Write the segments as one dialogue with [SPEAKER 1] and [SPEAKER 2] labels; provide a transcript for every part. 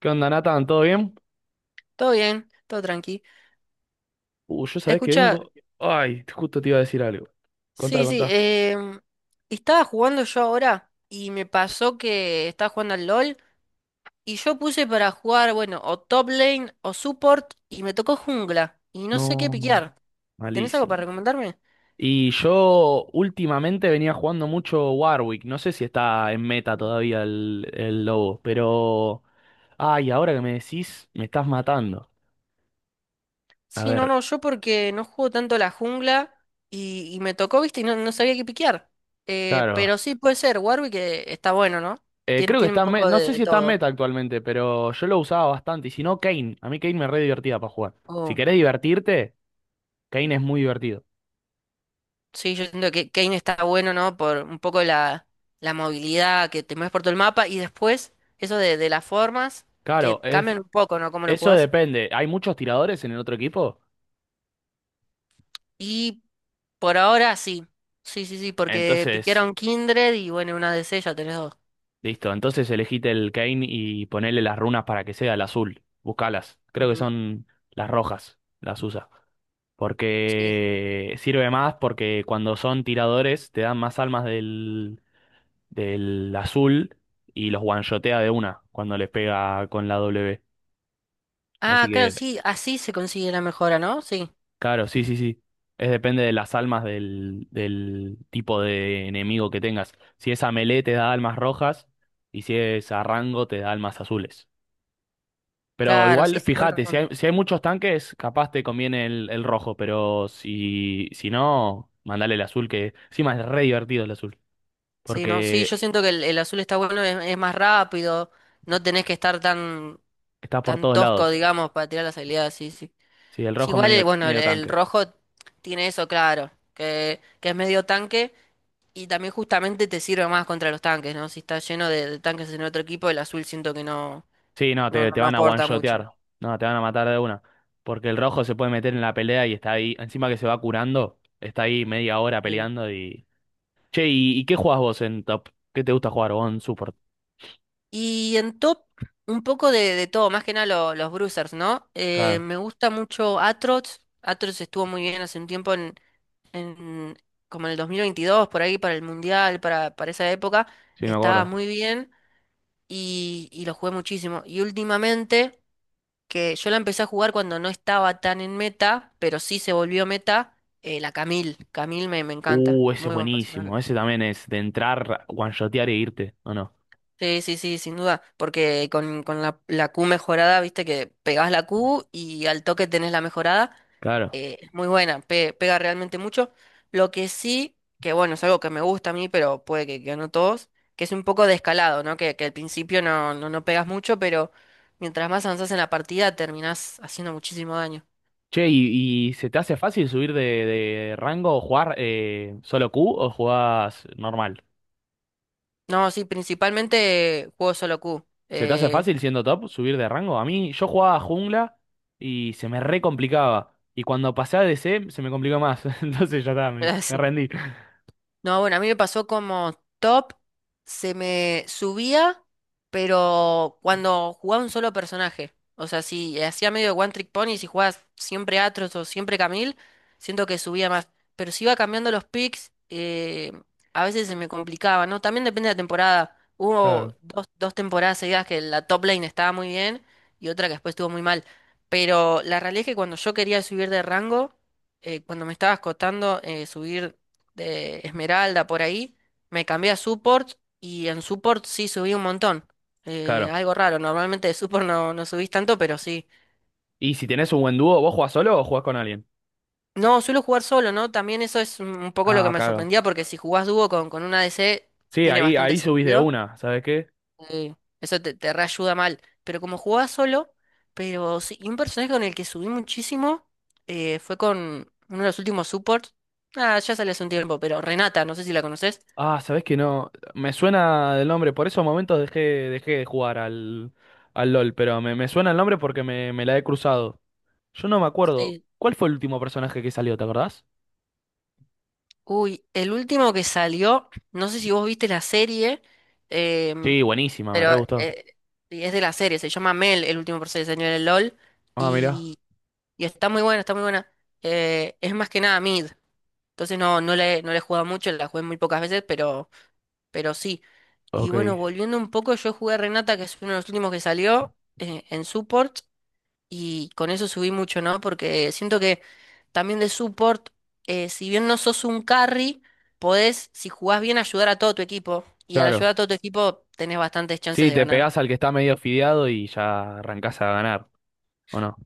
[SPEAKER 1] ¿Qué onda, Nathan? ¿Todo bien?
[SPEAKER 2] Todo bien, todo tranqui.
[SPEAKER 1] Yo sabés que
[SPEAKER 2] Escucha,
[SPEAKER 1] vengo. Ay, justo te iba a decir algo. Contá,
[SPEAKER 2] sí, sí,
[SPEAKER 1] contá.
[SPEAKER 2] em, estaba jugando yo ahora y me pasó que estaba jugando al LOL y yo puse para jugar, bueno, o top lane o support y me tocó jungla y no sé qué
[SPEAKER 1] No, no,
[SPEAKER 2] piquear. ¿Tenés algo para
[SPEAKER 1] malísimo.
[SPEAKER 2] recomendarme?
[SPEAKER 1] Y yo últimamente venía jugando mucho Warwick. No sé si está en meta todavía el lobo, pero... Ay, ahora que me decís, me estás matando. A
[SPEAKER 2] Sí, no,
[SPEAKER 1] ver,
[SPEAKER 2] no, yo porque no juego tanto la jungla y me tocó, viste, y no, no sabía qué piquear.
[SPEAKER 1] claro.
[SPEAKER 2] Pero sí puede ser, Warwick está bueno, ¿no? Tiene,
[SPEAKER 1] Creo que
[SPEAKER 2] tiene
[SPEAKER 1] está
[SPEAKER 2] un
[SPEAKER 1] en meta.
[SPEAKER 2] poco
[SPEAKER 1] No sé
[SPEAKER 2] de
[SPEAKER 1] si está en
[SPEAKER 2] todo.
[SPEAKER 1] meta actualmente, pero yo lo usaba bastante. Y si no, Kane. A mí Kane me re divertía para jugar. Si
[SPEAKER 2] Oh.
[SPEAKER 1] querés divertirte, Kane es muy divertido.
[SPEAKER 2] Sí, yo siento que Kane está bueno, ¿no? Por un poco la movilidad que te mueves por todo el mapa y después eso de las formas
[SPEAKER 1] Claro,
[SPEAKER 2] que
[SPEAKER 1] es,
[SPEAKER 2] cambian un poco, ¿no? Cómo lo
[SPEAKER 1] Eso
[SPEAKER 2] jugás.
[SPEAKER 1] depende. Hay muchos tiradores en el otro equipo.
[SPEAKER 2] Y por ahora sí. Sí, sí, sí, porque
[SPEAKER 1] Entonces,
[SPEAKER 2] piquearon Kindred y bueno, una DC ya tenés dos.
[SPEAKER 1] listo. Entonces elegite el Kane y ponele las runas para que sea el azul. Buscalas. Creo que
[SPEAKER 2] Ujú.
[SPEAKER 1] son las rojas. Las usa.
[SPEAKER 2] Sí.
[SPEAKER 1] Porque sirve más porque cuando son tiradores te dan más almas del azul y los one-shotea de una cuando les pega con la W. Así
[SPEAKER 2] Ah, claro,
[SPEAKER 1] que
[SPEAKER 2] sí, así se consigue la mejora, ¿no? Sí,
[SPEAKER 1] claro, sí, sí, sí. Es depende de las almas del tipo de enemigo que tengas. Si es a melee te da almas rojas y si es a rango te da almas azules. Pero
[SPEAKER 2] claro,
[SPEAKER 1] igual,
[SPEAKER 2] sí, sí, con
[SPEAKER 1] fíjate, si
[SPEAKER 2] razón.
[SPEAKER 1] hay, si hay muchos tanques, capaz te conviene el rojo, pero si, si no, mandale el azul, que encima es re divertido el azul,
[SPEAKER 2] Sí, no, sí,
[SPEAKER 1] porque
[SPEAKER 2] yo siento que el azul está bueno, es más rápido, no tenés que estar tan,
[SPEAKER 1] está por
[SPEAKER 2] tan
[SPEAKER 1] todos
[SPEAKER 2] tosco,
[SPEAKER 1] lados.
[SPEAKER 2] digamos, para tirar las habilidades, sí, sí.
[SPEAKER 1] Sí, el
[SPEAKER 2] Sí,
[SPEAKER 1] rojo es
[SPEAKER 2] igual,
[SPEAKER 1] medio,
[SPEAKER 2] bueno,
[SPEAKER 1] medio
[SPEAKER 2] el
[SPEAKER 1] tanque.
[SPEAKER 2] rojo tiene eso claro, que es medio tanque y también justamente te sirve más contra los tanques, ¿no? Si está lleno de tanques en otro equipo, el azul siento que no,
[SPEAKER 1] Sí, no,
[SPEAKER 2] no,
[SPEAKER 1] te,
[SPEAKER 2] no,
[SPEAKER 1] te
[SPEAKER 2] no
[SPEAKER 1] van a
[SPEAKER 2] aporta mucho.
[SPEAKER 1] one-shotear. No, te van a matar de una. Porque el rojo se puede meter en la pelea y está ahí. Encima que se va curando, está ahí media hora
[SPEAKER 2] Sí.
[SPEAKER 1] peleando y... Che, y qué jugás vos en top? ¿Qué te gusta jugar vos en support?
[SPEAKER 2] Y en top, un poco de todo, más que nada los bruisers, ¿no?
[SPEAKER 1] Claro,
[SPEAKER 2] Me gusta mucho Atrox. Atrox estuvo muy bien hace un tiempo en como en el 2022, por ahí, para el Mundial, para esa época.
[SPEAKER 1] sí, me
[SPEAKER 2] Estaba
[SPEAKER 1] acuerdo.
[SPEAKER 2] muy bien y lo jugué muchísimo. Y últimamente... que yo la empecé a jugar cuando no estaba tan en meta, pero sí se volvió meta, la Camille. Camille me encanta,
[SPEAKER 1] Ese es
[SPEAKER 2] muy buen personaje.
[SPEAKER 1] buenísimo. Ese también es de entrar, one-shotear e irte, ¿o no?
[SPEAKER 2] Sí, sí, sí, sin duda, porque con la Q mejorada, viste que pegás la Q y al toque tenés la mejorada,
[SPEAKER 1] Claro.
[SPEAKER 2] es muy buena, pega realmente mucho. Lo que sí, que bueno, es algo que me gusta a mí, pero puede que no todos, que es un poco de escalado, ¿no? Que al principio no, no, no pegas mucho, pero mientras más avanzas en la partida terminás haciendo muchísimo daño.
[SPEAKER 1] Che, y se te hace fácil subir de rango o jugar solo Q o jugás normal?
[SPEAKER 2] No, sí, principalmente juego solo Q.
[SPEAKER 1] ¿Se te hace fácil siendo top subir de rango? A mí, yo jugaba jungla y se me re complicaba. Y cuando pasé a DC se me complicó más. Entonces ya está, me,
[SPEAKER 2] Las-
[SPEAKER 1] me rendí.
[SPEAKER 2] No, bueno, a mí me pasó como top, se me subía, pero cuando jugaba un solo personaje. O sea, si hacía medio One Trick Pony, si jugabas siempre Atros o siempre Camille, siento que subía más. Pero si iba cambiando los picks, a veces se me complicaba, ¿no? También depende de la temporada. Hubo
[SPEAKER 1] Claro.
[SPEAKER 2] dos, dos temporadas seguidas que la top lane estaba muy bien y otra que después estuvo muy mal. Pero la realidad es que cuando yo quería subir de rango, cuando me estaba escotando, subir de Esmeralda por ahí, me cambié a support y en support sí subí un montón.
[SPEAKER 1] Claro.
[SPEAKER 2] Algo raro, normalmente de support no, no subís tanto, pero sí.
[SPEAKER 1] Y si tenés un buen dúo, ¿vos jugás solo o jugás con alguien?
[SPEAKER 2] No, suelo jugar solo, ¿no? También eso es un poco lo que
[SPEAKER 1] Ah,
[SPEAKER 2] me
[SPEAKER 1] claro.
[SPEAKER 2] sorprendía porque si jugás dúo con un ADC
[SPEAKER 1] Sí,
[SPEAKER 2] tiene
[SPEAKER 1] ahí,
[SPEAKER 2] bastante
[SPEAKER 1] ahí subís de
[SPEAKER 2] sentido.
[SPEAKER 1] una, ¿sabes qué?
[SPEAKER 2] eh, Eso te, te reayuda mal. Pero como jugaba solo, pero sí, y un personaje con el que subí muchísimo fue con uno de los últimos supports. Ah, ya sale hace un tiempo, pero Renata, no sé si la conoces.
[SPEAKER 1] Ah, ¿sabés que no? Me suena el nombre, por esos momentos dejé, dejé de jugar al, al LOL, pero me suena el nombre porque me la he cruzado. Yo no me acuerdo. ¿Cuál fue el último personaje que salió, te acordás?
[SPEAKER 2] Uy, el último que salió, no sé si vos viste la serie, em,
[SPEAKER 1] Sí, buenísima, me
[SPEAKER 2] pero
[SPEAKER 1] re gustó.
[SPEAKER 2] sí, es de la serie, se llama Mel, el último proceso de señor del LOL,
[SPEAKER 1] Ah, mira.
[SPEAKER 2] y, y está muy buena, está muy buena. Es más que nada mid, entonces no, no le, no le he jugado mucho, la jugué muy pocas veces, pero sí. Y
[SPEAKER 1] Ok,
[SPEAKER 2] bueno, volviendo un poco, yo jugué a Renata, que es uno de los últimos que salió en support y con eso subí mucho, ¿no? Porque siento que también de support, si bien no sos un carry, podés, si jugás bien, ayudar a todo tu equipo. Y al
[SPEAKER 1] claro.
[SPEAKER 2] ayudar a todo tu equipo, tenés bastantes chances
[SPEAKER 1] Sí,
[SPEAKER 2] de
[SPEAKER 1] te
[SPEAKER 2] ganar.
[SPEAKER 1] pegás al que está medio fideado y ya arrancás a ganar, ¿o no?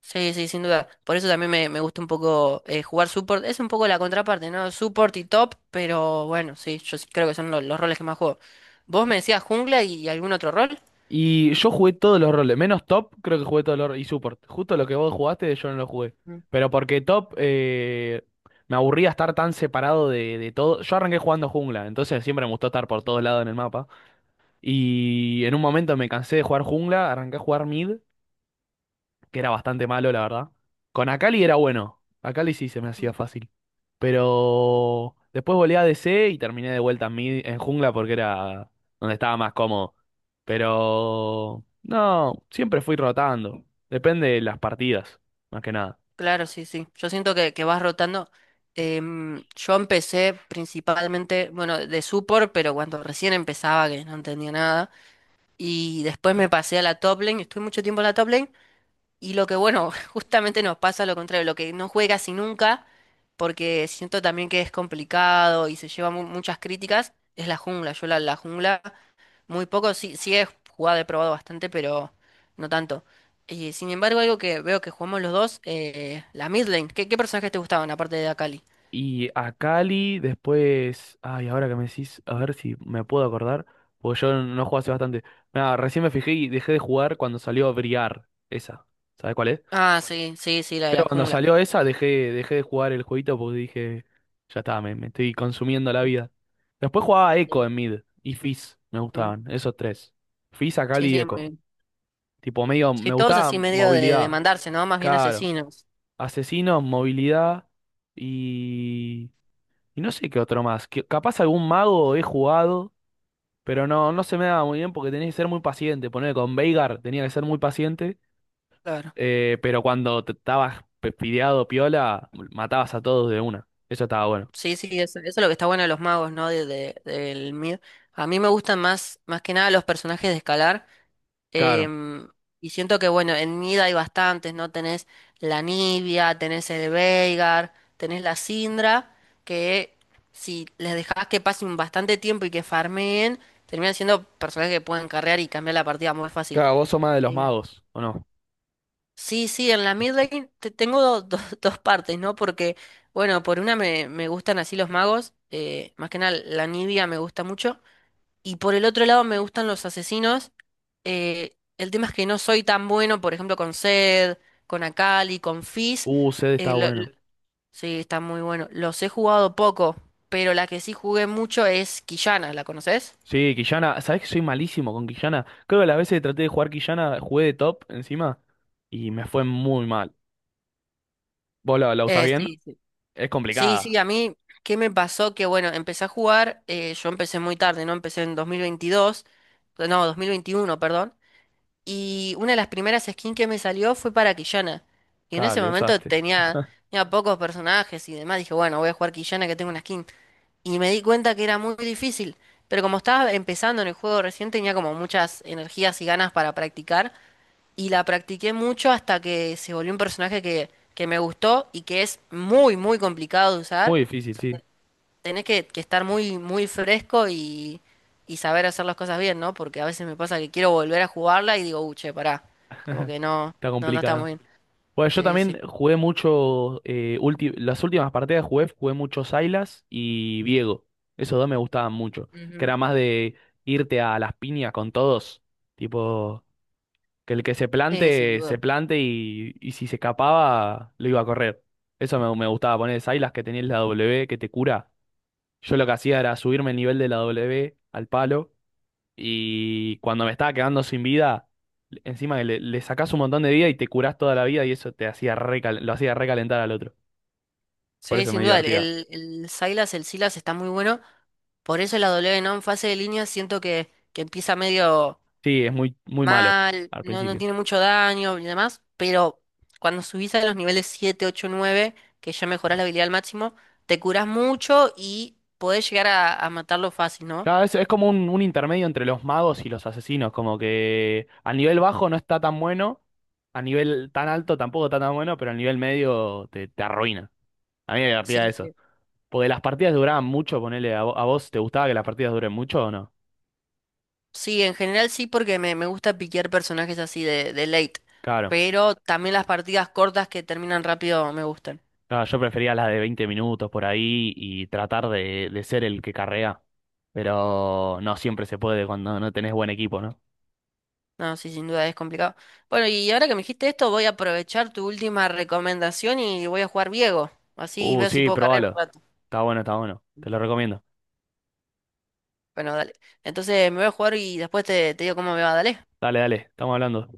[SPEAKER 2] Sí, sí, sin duda. Por eso también me gusta un poco jugar support. Es un poco la contraparte, ¿no? Support y top, pero bueno, sí, yo sí creo que son los roles que más juego. ¿Vos me decías jungla y algún otro rol?
[SPEAKER 1] Y yo jugué todos los roles, menos top, creo que jugué todos los roles, y support. Justo lo que vos jugaste, yo no lo jugué. Pero porque top, me aburría estar tan separado de todo. Yo arranqué jugando jungla, entonces siempre me gustó estar por todos lados en el mapa. Y en un momento me cansé de jugar jungla, arranqué a jugar mid, que era bastante malo, la verdad. Con Akali era bueno. Akali sí se me
[SPEAKER 2] Mm.
[SPEAKER 1] hacía fácil. Pero después volé a DC y terminé de vuelta en, mid- en jungla porque era donde estaba más cómodo. Pero no, siempre fui rotando. Depende de las partidas, más que nada.
[SPEAKER 2] Claro, sí, sí. Yo siento que vas rotando. Yo empecé principalmente, bueno, de support, pero cuando recién empezaba, que no entendía nada. Y después me pasé a la top lane, estuve mucho tiempo en la top lane. Y lo que, bueno, justamente nos pasa lo contrario, lo que no juega casi nunca, porque siento también que es complicado y se lleva muchas críticas, es la jungla. Yo la jungla. Muy poco, sí, sí he jugado, he probado bastante, pero no tanto. Y sin embargo, algo que veo que jugamos los dos, la mid lane. ¿Qué, qué personajes te gustaban aparte de Akali?
[SPEAKER 1] Y Akali después. Ay, ahora que me decís, a ver si me puedo acordar. Porque yo no jugué hace bastante. Nada, recién me fijé y dejé de jugar cuando salió Briar. Esa. ¿Sabes cuál es?
[SPEAKER 2] Ah, sí, sí, sí, la de
[SPEAKER 1] Pero
[SPEAKER 2] la
[SPEAKER 1] cuando
[SPEAKER 2] jungla.
[SPEAKER 1] salió esa dejé, dejé de jugar el jueguito porque dije, ya está, me estoy consumiendo la vida. Después jugaba Echo
[SPEAKER 2] Sí,
[SPEAKER 1] en mid y Fizz, me
[SPEAKER 2] Mm.
[SPEAKER 1] gustaban, esos tres. Fizz, Akali
[SPEAKER 2] sí,
[SPEAKER 1] y
[SPEAKER 2] sí, muy
[SPEAKER 1] Echo.
[SPEAKER 2] bien.
[SPEAKER 1] Tipo, medio,
[SPEAKER 2] Sí,
[SPEAKER 1] me
[SPEAKER 2] todos
[SPEAKER 1] gustaba
[SPEAKER 2] así medio de
[SPEAKER 1] movilidad,
[SPEAKER 2] mandarse, ¿no? Más bien
[SPEAKER 1] claro.
[SPEAKER 2] asesinos.
[SPEAKER 1] Asesinos, movilidad y... Y no sé qué otro más. Que, capaz algún mago he jugado, pero no, no se me daba muy bien porque tenés que ser muy paciente. Poner con Veigar tenía que ser muy paciente.
[SPEAKER 2] Claro.
[SPEAKER 1] Pero cuando te estabas pespideado piola, matabas a todos de una. Eso estaba bueno.
[SPEAKER 2] Sí, sí, eso es lo que está bueno de los magos, ¿no? Del mid. A mí me gustan más, más que nada los personajes de escalar.
[SPEAKER 1] Claro.
[SPEAKER 2] Em, y siento que, bueno, en Nida hay bastantes, ¿no? Tenés la Nibia, tenés el Veigar, tenés la Syndra, que si les dejás que pasen bastante tiempo y que farmeen, terminan siendo personajes que pueden carrear y cambiar la partida muy fácil.
[SPEAKER 1] Claro, vos sos más de los
[SPEAKER 2] Em,
[SPEAKER 1] magos, ¿o no?
[SPEAKER 2] sí, sí, en la mid lane tengo dos partes, ¿no? Porque, bueno, por una me gustan así los magos, más que nada la Nibia me gusta mucho. Y por el otro lado me gustan los asesinos. El tema es que no soy tan bueno, por ejemplo, con Zed, con Akali, con Fizz.
[SPEAKER 1] Zed
[SPEAKER 2] eh,
[SPEAKER 1] está
[SPEAKER 2] lo- lo-
[SPEAKER 1] bueno.
[SPEAKER 2] sí, está muy bueno. Los he jugado poco, pero la que sí jugué mucho es Quillana, ¿la conoces?
[SPEAKER 1] Sí, Quillana, ¿sabés que soy malísimo con Quillana? Creo que las veces que traté de jugar Quillana, jugué de top encima y me fue muy mal. ¿Vos la, la usás bien?
[SPEAKER 2] Sí, sí.
[SPEAKER 1] Es
[SPEAKER 2] Sí,
[SPEAKER 1] complicada.
[SPEAKER 2] sí, a mí, ¿qué me pasó? Que bueno, empecé a jugar, yo empecé muy tarde, ¿no? Empecé en 2022 no, 2021 perdón. Y una de las primeras skins que me salió fue para Quillana. Y en
[SPEAKER 1] Claro,
[SPEAKER 2] ese
[SPEAKER 1] le
[SPEAKER 2] momento
[SPEAKER 1] usaste.
[SPEAKER 2] tenía, tenía pocos personajes y demás. Dije, bueno, voy a jugar Quillana que tengo una skin. Y me di cuenta que era muy difícil. Pero como estaba empezando en el juego recién, tenía como muchas energías y ganas para practicar. Y la practiqué mucho hasta que se volvió un personaje que me gustó y que es muy, muy complicado de
[SPEAKER 1] Muy
[SPEAKER 2] usar
[SPEAKER 1] difícil, sí.
[SPEAKER 2] tenés que estar muy, muy fresco y saber hacer las cosas bien, ¿no? Porque a veces me pasa que quiero volver a jugarla y digo, uche, pará. Como que no,
[SPEAKER 1] Está
[SPEAKER 2] no, no está
[SPEAKER 1] complicada.
[SPEAKER 2] muy bien.
[SPEAKER 1] Bueno, yo
[SPEAKER 2] Sí, sí.
[SPEAKER 1] también jugué mucho, las últimas partidas jugué, jugué mucho Sylas y Viego. Esos dos me gustaban mucho. Que
[SPEAKER 2] Ujú.
[SPEAKER 1] era más de irte a las piñas con todos. Tipo, que el que
[SPEAKER 2] Sí, sin
[SPEAKER 1] se
[SPEAKER 2] duda.
[SPEAKER 1] plante y si se escapaba, lo iba a correr. Eso me, me gustaba poner Sylas que tenías la W, que te cura. Yo lo que hacía era subirme el nivel de la W al palo y cuando me estaba quedando sin vida, encima le, le sacás un montón de vida y te curás toda la vida y eso te hacía recal- lo hacía recalentar al otro. Por
[SPEAKER 2] Sí,
[SPEAKER 1] eso me
[SPEAKER 2] sin duda.
[SPEAKER 1] divertía.
[SPEAKER 2] El Silas, el Silas está muy bueno. Por eso la W, ¿no? En fase de línea siento que empieza medio.
[SPEAKER 1] Sí, es muy, muy malo
[SPEAKER 2] Mal,
[SPEAKER 1] al
[SPEAKER 2] no, no
[SPEAKER 1] principio.
[SPEAKER 2] tiene mucho daño y demás, pero cuando subís a los niveles 7, 8, 9 que ya mejorás la habilidad al máximo, te curás mucho y podés llegar a matarlo fácil, ¿no?
[SPEAKER 1] Claro, es como un intermedio entre los magos y los asesinos, como que a nivel bajo no está tan bueno, a nivel tan alto tampoco está tan bueno, pero a nivel medio te, te arruina. A mí me divertía
[SPEAKER 2] Sí,
[SPEAKER 1] eso.
[SPEAKER 2] sí.
[SPEAKER 1] Porque las partidas duraban mucho, ponele, a, vo- a vos, ¿te gustaba que las partidas duren mucho o no?
[SPEAKER 2] Sí, en general sí, porque me gusta piquear personajes así de late,
[SPEAKER 1] Claro.
[SPEAKER 2] pero también las partidas cortas que terminan rápido me gustan.
[SPEAKER 1] No, yo prefería las de 20 minutos por ahí y tratar de ser el que carrea. Pero no siempre se puede cuando no tenés buen equipo, ¿no?
[SPEAKER 2] No, sí, sin duda es complicado. Bueno, y ahora que me dijiste esto, voy a aprovechar tu última recomendación y voy a jugar Viego. Así veo si
[SPEAKER 1] Sí,
[SPEAKER 2] puedo cargar un
[SPEAKER 1] probalo.
[SPEAKER 2] rato.
[SPEAKER 1] Está bueno, está bueno. Te lo recomiendo.
[SPEAKER 2] Bueno, dale. Entonces me voy a jugar y después te, te digo cómo me va, dale.
[SPEAKER 1] Dale, dale, estamos hablando.